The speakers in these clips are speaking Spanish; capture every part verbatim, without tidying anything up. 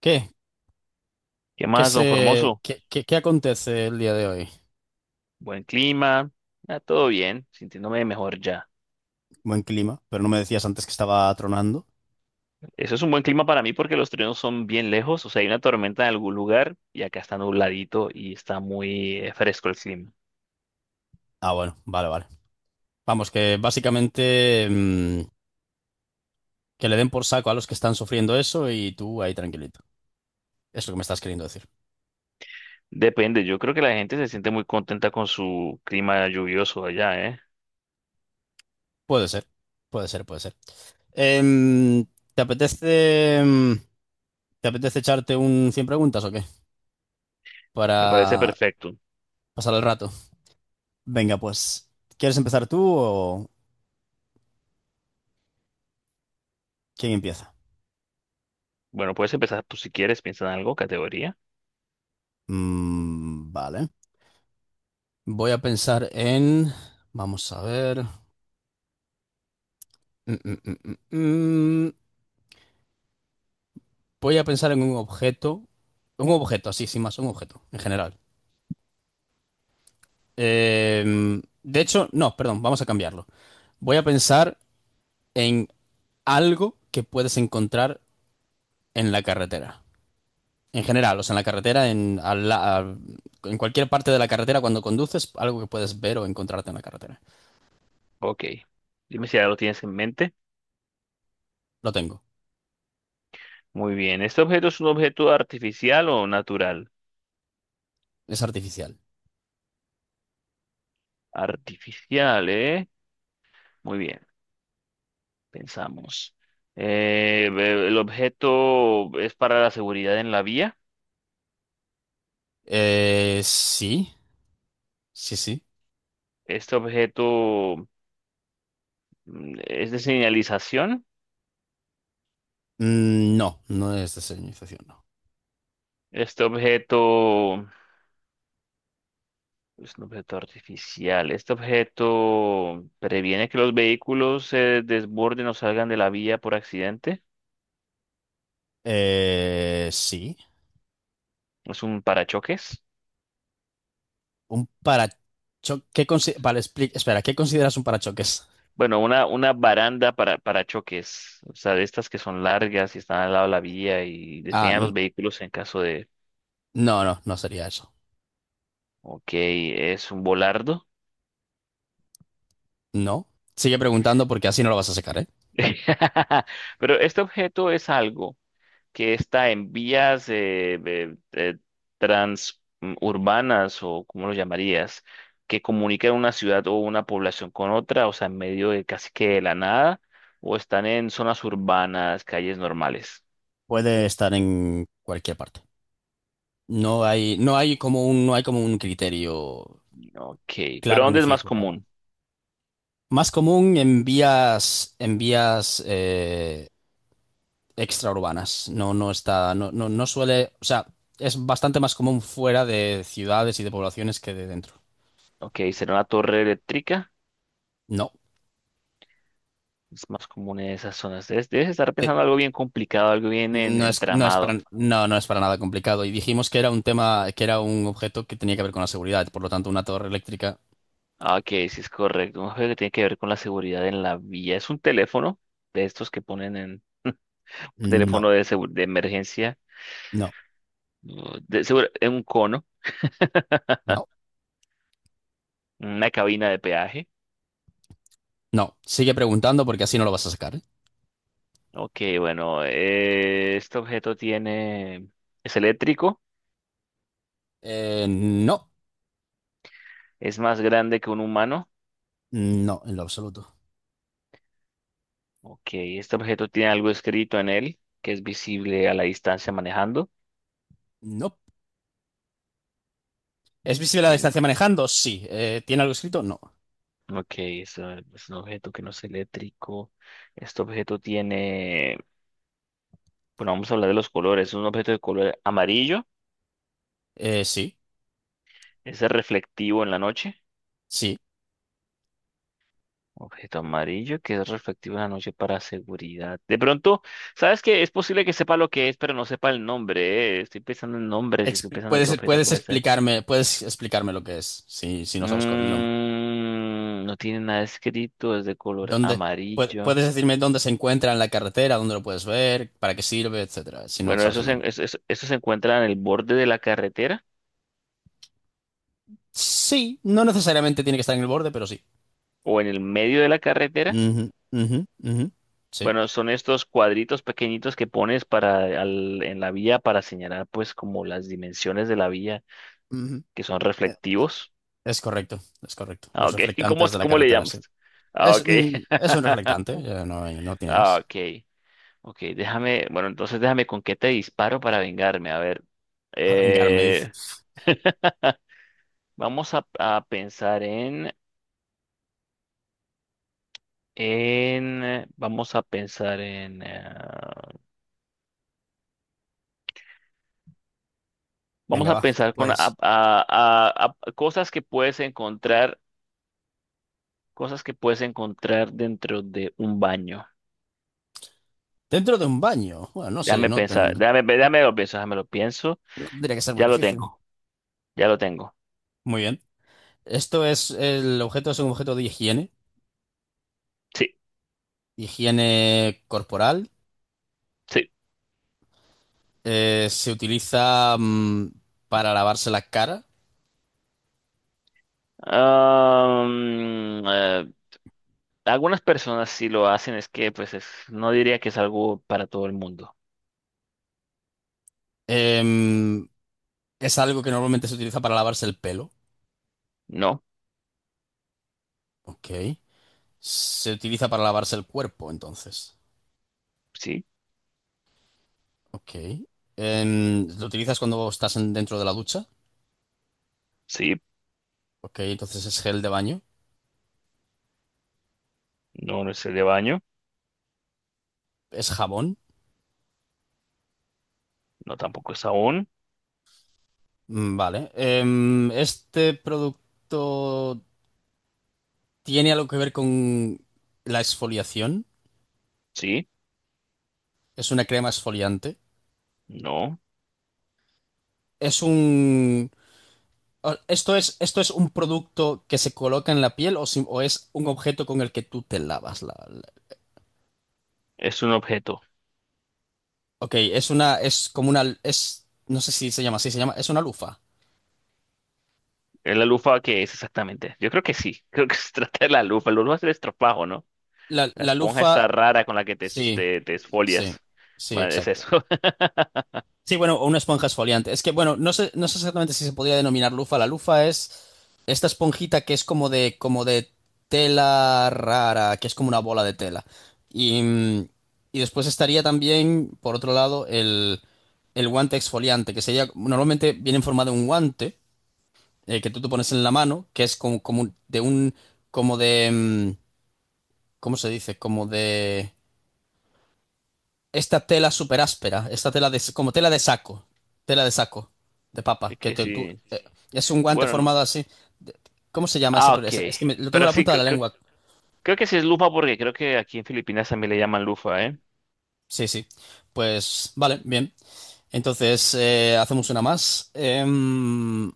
¿Qué? ¿Qué ¿Qué más, don se, Formoso? qué, qué- qué acontece el día de hoy? Buen clima, ah, todo bien, sintiéndome mejor ya. Buen clima, pero no me decías antes que estaba tronando. Eso es un buen clima para mí porque los truenos son bien lejos, o sea, hay una tormenta en algún lugar y acá está nubladito y está muy eh, fresco el clima. Ah, bueno, vale, vale. Vamos, que básicamente mm, que le den por saco a los que están sufriendo eso y tú ahí tranquilito. Es lo que me estás queriendo decir. Depende, yo creo que la gente se siente muy contenta con su clima lluvioso allá, ¿eh? Puede ser, puede ser, puede ser. Em, ¿te apetece, mm, te apetece echarte un cien preguntas o qué? Me parece Para perfecto. pasar el rato. Venga, pues, ¿quieres empezar tú o quién empieza? Bueno, puedes empezar tú si quieres, piensa en algo, categoría. Mm, vale. Voy a pensar en... Vamos a ver. Mm, mm, mm, mm, mm. Voy a pensar en un objeto. Un objeto, así, sin más, un objeto, en general. Eh, de hecho, no, perdón, vamos a cambiarlo. Voy a pensar en algo que puedes encontrar en la carretera. En general, o sea, en la carretera, en, al la- al- en cualquier parte de la carretera cuando conduces, algo que puedes ver o encontrarte en la carretera. Ok, dime si ya lo tienes en mente. Lo tengo. Muy bien, ¿este objeto es un objeto artificial o natural? Es artificial. Artificial, ¿eh? Muy bien. Pensamos. Eh, el objeto es para la seguridad en la vía. Eh, sí, sí, sí. Este objeto mm, es de señalización. Mm, no, no es desalinización, no. Este objeto es un objeto artificial. Este objeto previene que los vehículos se desborden o salgan de la vía por accidente. Eh, sí. Es un parachoques. Un parachoques. ¿Qué consi- vale, expli- espera, ¿qué consideras un parachoques? Bueno, una, una baranda para parachoques. O sea, de estas que son largas y están al lado de la vía y Ah, detienen a n- los vehículos en caso de... no, no, no sería eso. Ok, es un volardo. No. Sigue preguntando porque así no lo vas a sacar, ¿eh? Pero este objeto es algo que está en vías eh, eh, eh, trans transurbanas o como lo llamarías, que comunican una ciudad o una población con otra, o sea, en medio de casi que de la nada, o están en zonas urbanas, calles normales. Puede estar en cualquier parte. No hay, no hay como un, no hay como un criterio Ok, pero claro ni ¿dónde es más fijo para. común? Más común en vías, en vías eh, extraurbanas. No, no está, no, no, no suele, o sea, es bastante más común fuera de ciudades y de poblaciones que de dentro. Ok, será una torre eléctrica, No. es más común en esas zonas. Debes, debes estar Eh, pensando algo bien complicado, algo bien en- no es, no es para, entramado. no, no es para nada complicado. Y dijimos que era un tema, que era un objeto que tenía que ver con la seguridad. Por lo tanto, una torre eléctrica, Ah, ok, sí es correcto. Un juego que tiene que ver con la seguridad en la vía. Es un teléfono de estos que ponen en no, teléfono de, segu- de emergencia, no, uh, de, segura- en un cono, no, una cabina de peaje. no. Sigue preguntando porque así no lo vas a sacar, ¿eh? Ok, bueno, eh, este objeto tiene, es eléctrico, Eh, no, es más grande que un humano. no, en lo absoluto. Ok, este objeto tiene algo escrito en él que es visible a la distancia manejando. No. ¿Es visible Ok, la distancia no- manejando? Sí. Eh, ¿tiene algo escrito? No. ok, es, eh, es un objeto que no es eléctrico. Este objeto tiene bueno, vamos a hablar de los colores. Es un objeto de color amarillo, Eh, sí, es reflectivo en la noche. sí. Objeto amarillo que es reflectivo en la noche para seguridad. De pronto, ¿sabes qué? Es posible que sepa lo que es, pero no sepa el nombre. eh. Estoy pensando en nombres y estoy Exp- pensando en qué puedes, objeto puedes puede ser. explicarme, puedes explicarme lo que es, si, si no sabes cuál es el nombre. Mm, no tiene nada escrito, es de color ¿Dónde, pue- amarillo. puedes decirme dónde se encuentra en la carretera, dónde lo puedes ver, para qué sirve, etcétera, si no Bueno, sabes eso el se, nombre. eso, eso- eso se encuentra en el borde de la carretera Sí, no necesariamente tiene que estar en el borde, pero sí. o en el medio de la carretera. Ujú, ujú, ujú, sí. Bueno, son estos cuadritos pequeñitos que pones para al- en la vía para señalar pues como las dimensiones de la vía Ujú. que son Eh, reflectivos. Es correcto, es correcto. Ah, Los ok. ¿Cómo, reflectantes es- de la cómo le carretera, sí. llamas? Ah, Es, ok. mm, es un reflectante, eh, no, hay- no tiene Ah, más. ok. Ok, déjame, bueno, entonces déjame con qué te disparo para vengarme. A ver. Para vengarme, dice. Eh, vamos a, a pensar en, en, eh, vamos a pensar en, eh, vamos Venga, a va, tú pensar con a- a- puedes. a- a cosas que puedes encontrar cosas que puedes encontrar dentro de un baño. Dentro de un baño. Bueno, no sé, Déjame no, pensar, tan- déjame, déjame lo pienso, déjame lo pienso. no tendría que ser muy Ya lo difícil. tengo, ya lo tengo. Muy bien. Esto es, el objeto es un objeto de higiene, Sí, higiene corporal. sí. Eh, se utiliza mm, para lavarse la cara. Am, eh, Algunas personas sí lo hacen, es que pues es, no diría que es algo para todo el mundo. Em, es algo que normalmente se utiliza para lavarse el pelo. No, Ok. Se utiliza para lavarse el cuerpo, entonces. sí, Ok. Em, lo utilizas cuando estás en- dentro de la ducha. sí, Ok, entonces es gel de baño. no, no es el de baño, Es jabón. no tampoco es aún, Mm, vale. Em, este producto tiene algo que ver con la exfoliación. sí, Es una crema exfoliante. no, Es un... ¿Esto es, esto es un producto que se coloca en la piel o, si- o es un objeto con el que tú te lavas la, la- es un objeto. Ok, es una... Es como una... Es... No sé si se llama así, se llama... Es una lufa. Es la lufa que es exactamente. Yo creo que sí, creo que se trata de la lufa. La lufa es el estropajo, ¿no? La, La la esponja lufa... está rara con la que te, Sí, te, te sí, esfolias. sí, Bueno, es exacto. eso. Sí, bueno, o una esponja exfoliante. Es que, bueno, no sé, no sé exactamente si se podría denominar lufa. La lufa es... Esta esponjita que es como de, como de tela rara, que es como una bola de tela. Y, mm, y después estaría también, por otro lado, el, el guante exfoliante, que sería, normalmente viene en forma de un guante eh, que tú te pones en la mano, que es como, como un- de un, como de, mm, ¿cómo se dice? Como de... Esta tela súper áspera, esta tela de, como tela de saco, tela de saco, de papa, Es que que te- tú, sí. eh, es un guante Bueno, no- formado así. De- ¿Cómo se llama ese? ah, ok. Es, es que me- lo tengo en Pero la sí, punta de creo, la creo, lengua. creo que sí es lufa porque creo que aquí en Filipinas también le llaman lufa, ¿eh? Sí, sí. Pues vale, bien. Entonces eh, hacemos una más. Em,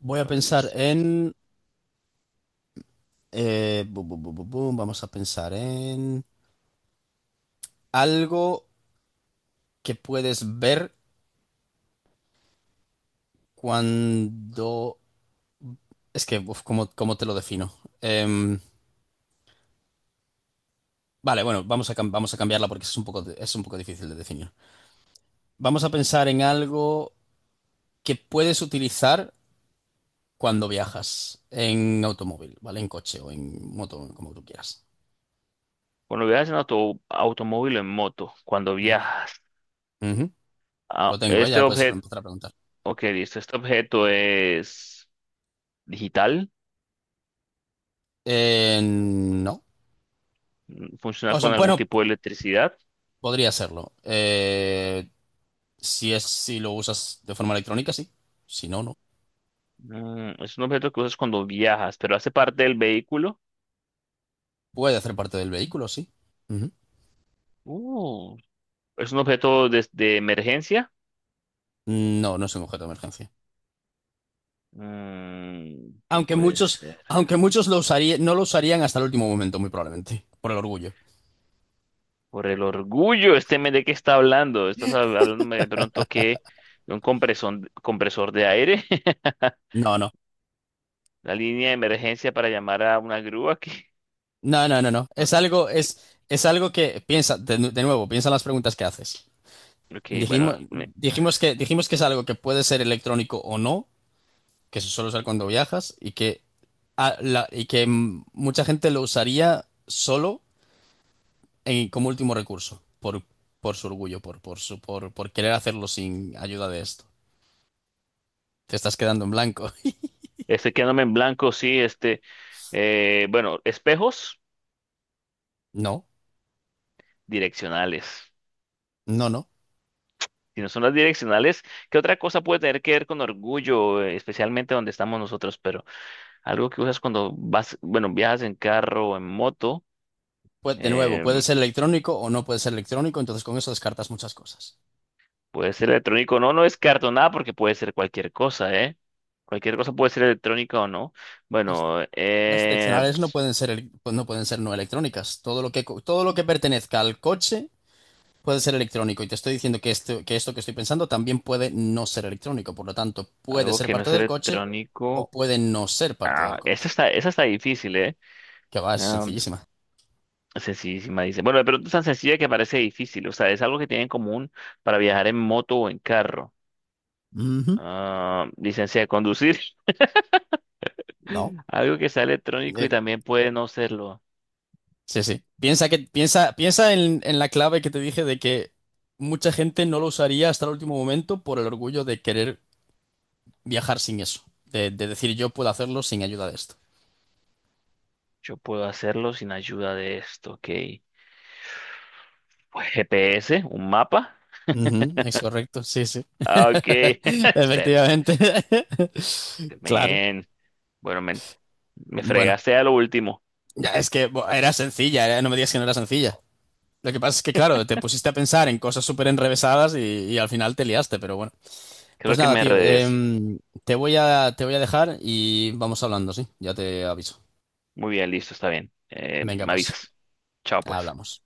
voy a Bueno, pensar listo. en... eh, bu- bu- bu- bu- bu, vamos a pensar en algo que puedes ver cuando... Es que, uf, ¿cómo, cómo te lo defino? Em, vale, bueno, vamos a, cam- vamos a cambiarla porque es un poco, de- es un poco difícil de definir. Vamos a pensar en algo que puedes utilizar cuando viajas en automóvil, ¿vale? En coche o en moto, como tú quieras. Cuando viajas en auto, automóvil o en moto, cuando Ujú. viajas, Ujú. Lo ah, tengo, ¿eh? este Ya puedes objeto, empezar a preguntar. ok, listo, este objeto es digital, Eh, no. mm, funciona O sea, con algún bueno, tipo de electricidad. podría serlo. Eh, si es, si lo usas de forma electrónica, sí. Si no, no. Mm, es un objeto que usas cuando viajas, pero hace parte del vehículo. Puede hacer parte del vehículo, sí. Ujú. Uh, es un objeto de, de emergencia. No, no es un objeto de emergencia. Mm, ¿qué Aunque puede muchos, ser? aunque muchos lo usaría- no lo usarían hasta el último momento, muy probablemente, por el orgullo. Por el orgullo, este men de qué está hablando. Estás hab- hablándome de pronto que de un compresor, compresor de aire, No, no, la línea de emergencia para llamar a una grúa. no, no, no, no. Que, no, Es algo, que- es, es algo que piensa, de, nu- de nuevo, piensa en las preguntas que haces. ok, bueno, Dijimos, me- dijimos que, dijimos que es algo que puede ser electrónico o no, que se suele usar cuando viajas y que, a- la- y que mm, mucha gente lo usaría solo en- como último recurso, por, por su orgullo, por, por su, por, por querer hacerlo sin ayuda de esto. Te estás quedando en blanco. estoy quedándome en blanco, sí, este, eh, bueno, espejos No, direccionales. no, no. Si no son las direccionales, ¿qué otra cosa puede tener que ver con orgullo, eh, especialmente donde estamos nosotros? Pero algo que usas cuando vas, bueno, viajas en carro o en moto. Pues de nuevo, puede Em, ser electrónico o no puede ser electrónico, entonces con eso descartas muchas cosas. Puede ser electrónico, o no, no descarto nada porque puede ser cualquier cosa, ¿eh? Cualquier cosa puede ser electrónica o no. Las, Bueno, las eh, direccionales no ps- pueden ser, el- pues no pueden ser no electrónicas. Todo lo que, co- todo lo que pertenezca al coche puede ser electrónico. Y te estoy diciendo que esto, que esto que estoy pensando también puede no ser electrónico. Por lo tanto, puede algo ser que no parte es del coche o electrónico. puede no ser parte del Ah, esta coche. está, esa está difícil, ¿eh? Que va, es Ah, sencillísima. sencillísima, dice. Bueno, pero es tan sencilla que parece difícil. O sea, es algo que tienen en común para viajar en moto o en carro. Ujú. Ah, licencia de conducir. ¿No? Algo que sea electrónico y Eh, también puede no serlo. sí, sí. Piensa que, piensa, piensa en, en la clave que te dije de que mucha gente no lo usaría hasta el último momento por el orgullo de querer viajar sin eso. De, de decir yo puedo hacerlo sin ayuda de esto. Yo puedo hacerlo sin ayuda de esto, ¿ok? Pues, GPS, un mapa. Ujú, es correcto, sí, sí. Ah, ok. Step, Efectivamente. Claro. man. Bueno, men, me Bueno, fregaste a lo último. ya es que bo, era sencilla, era- no me digas que no era sencilla. Lo que pasa es que, claro, te pusiste a pensar en cosas súper enrevesadas y, y al final te liaste, pero bueno. Creo Pues que nada, me tío, redecí. em, te voy a, te voy a dejar y vamos hablando, ¿sí? Ya te aviso. Muy bien, listo, está bien. Eh, Venga, Me pues, avisas. Chao, pues. hablamos.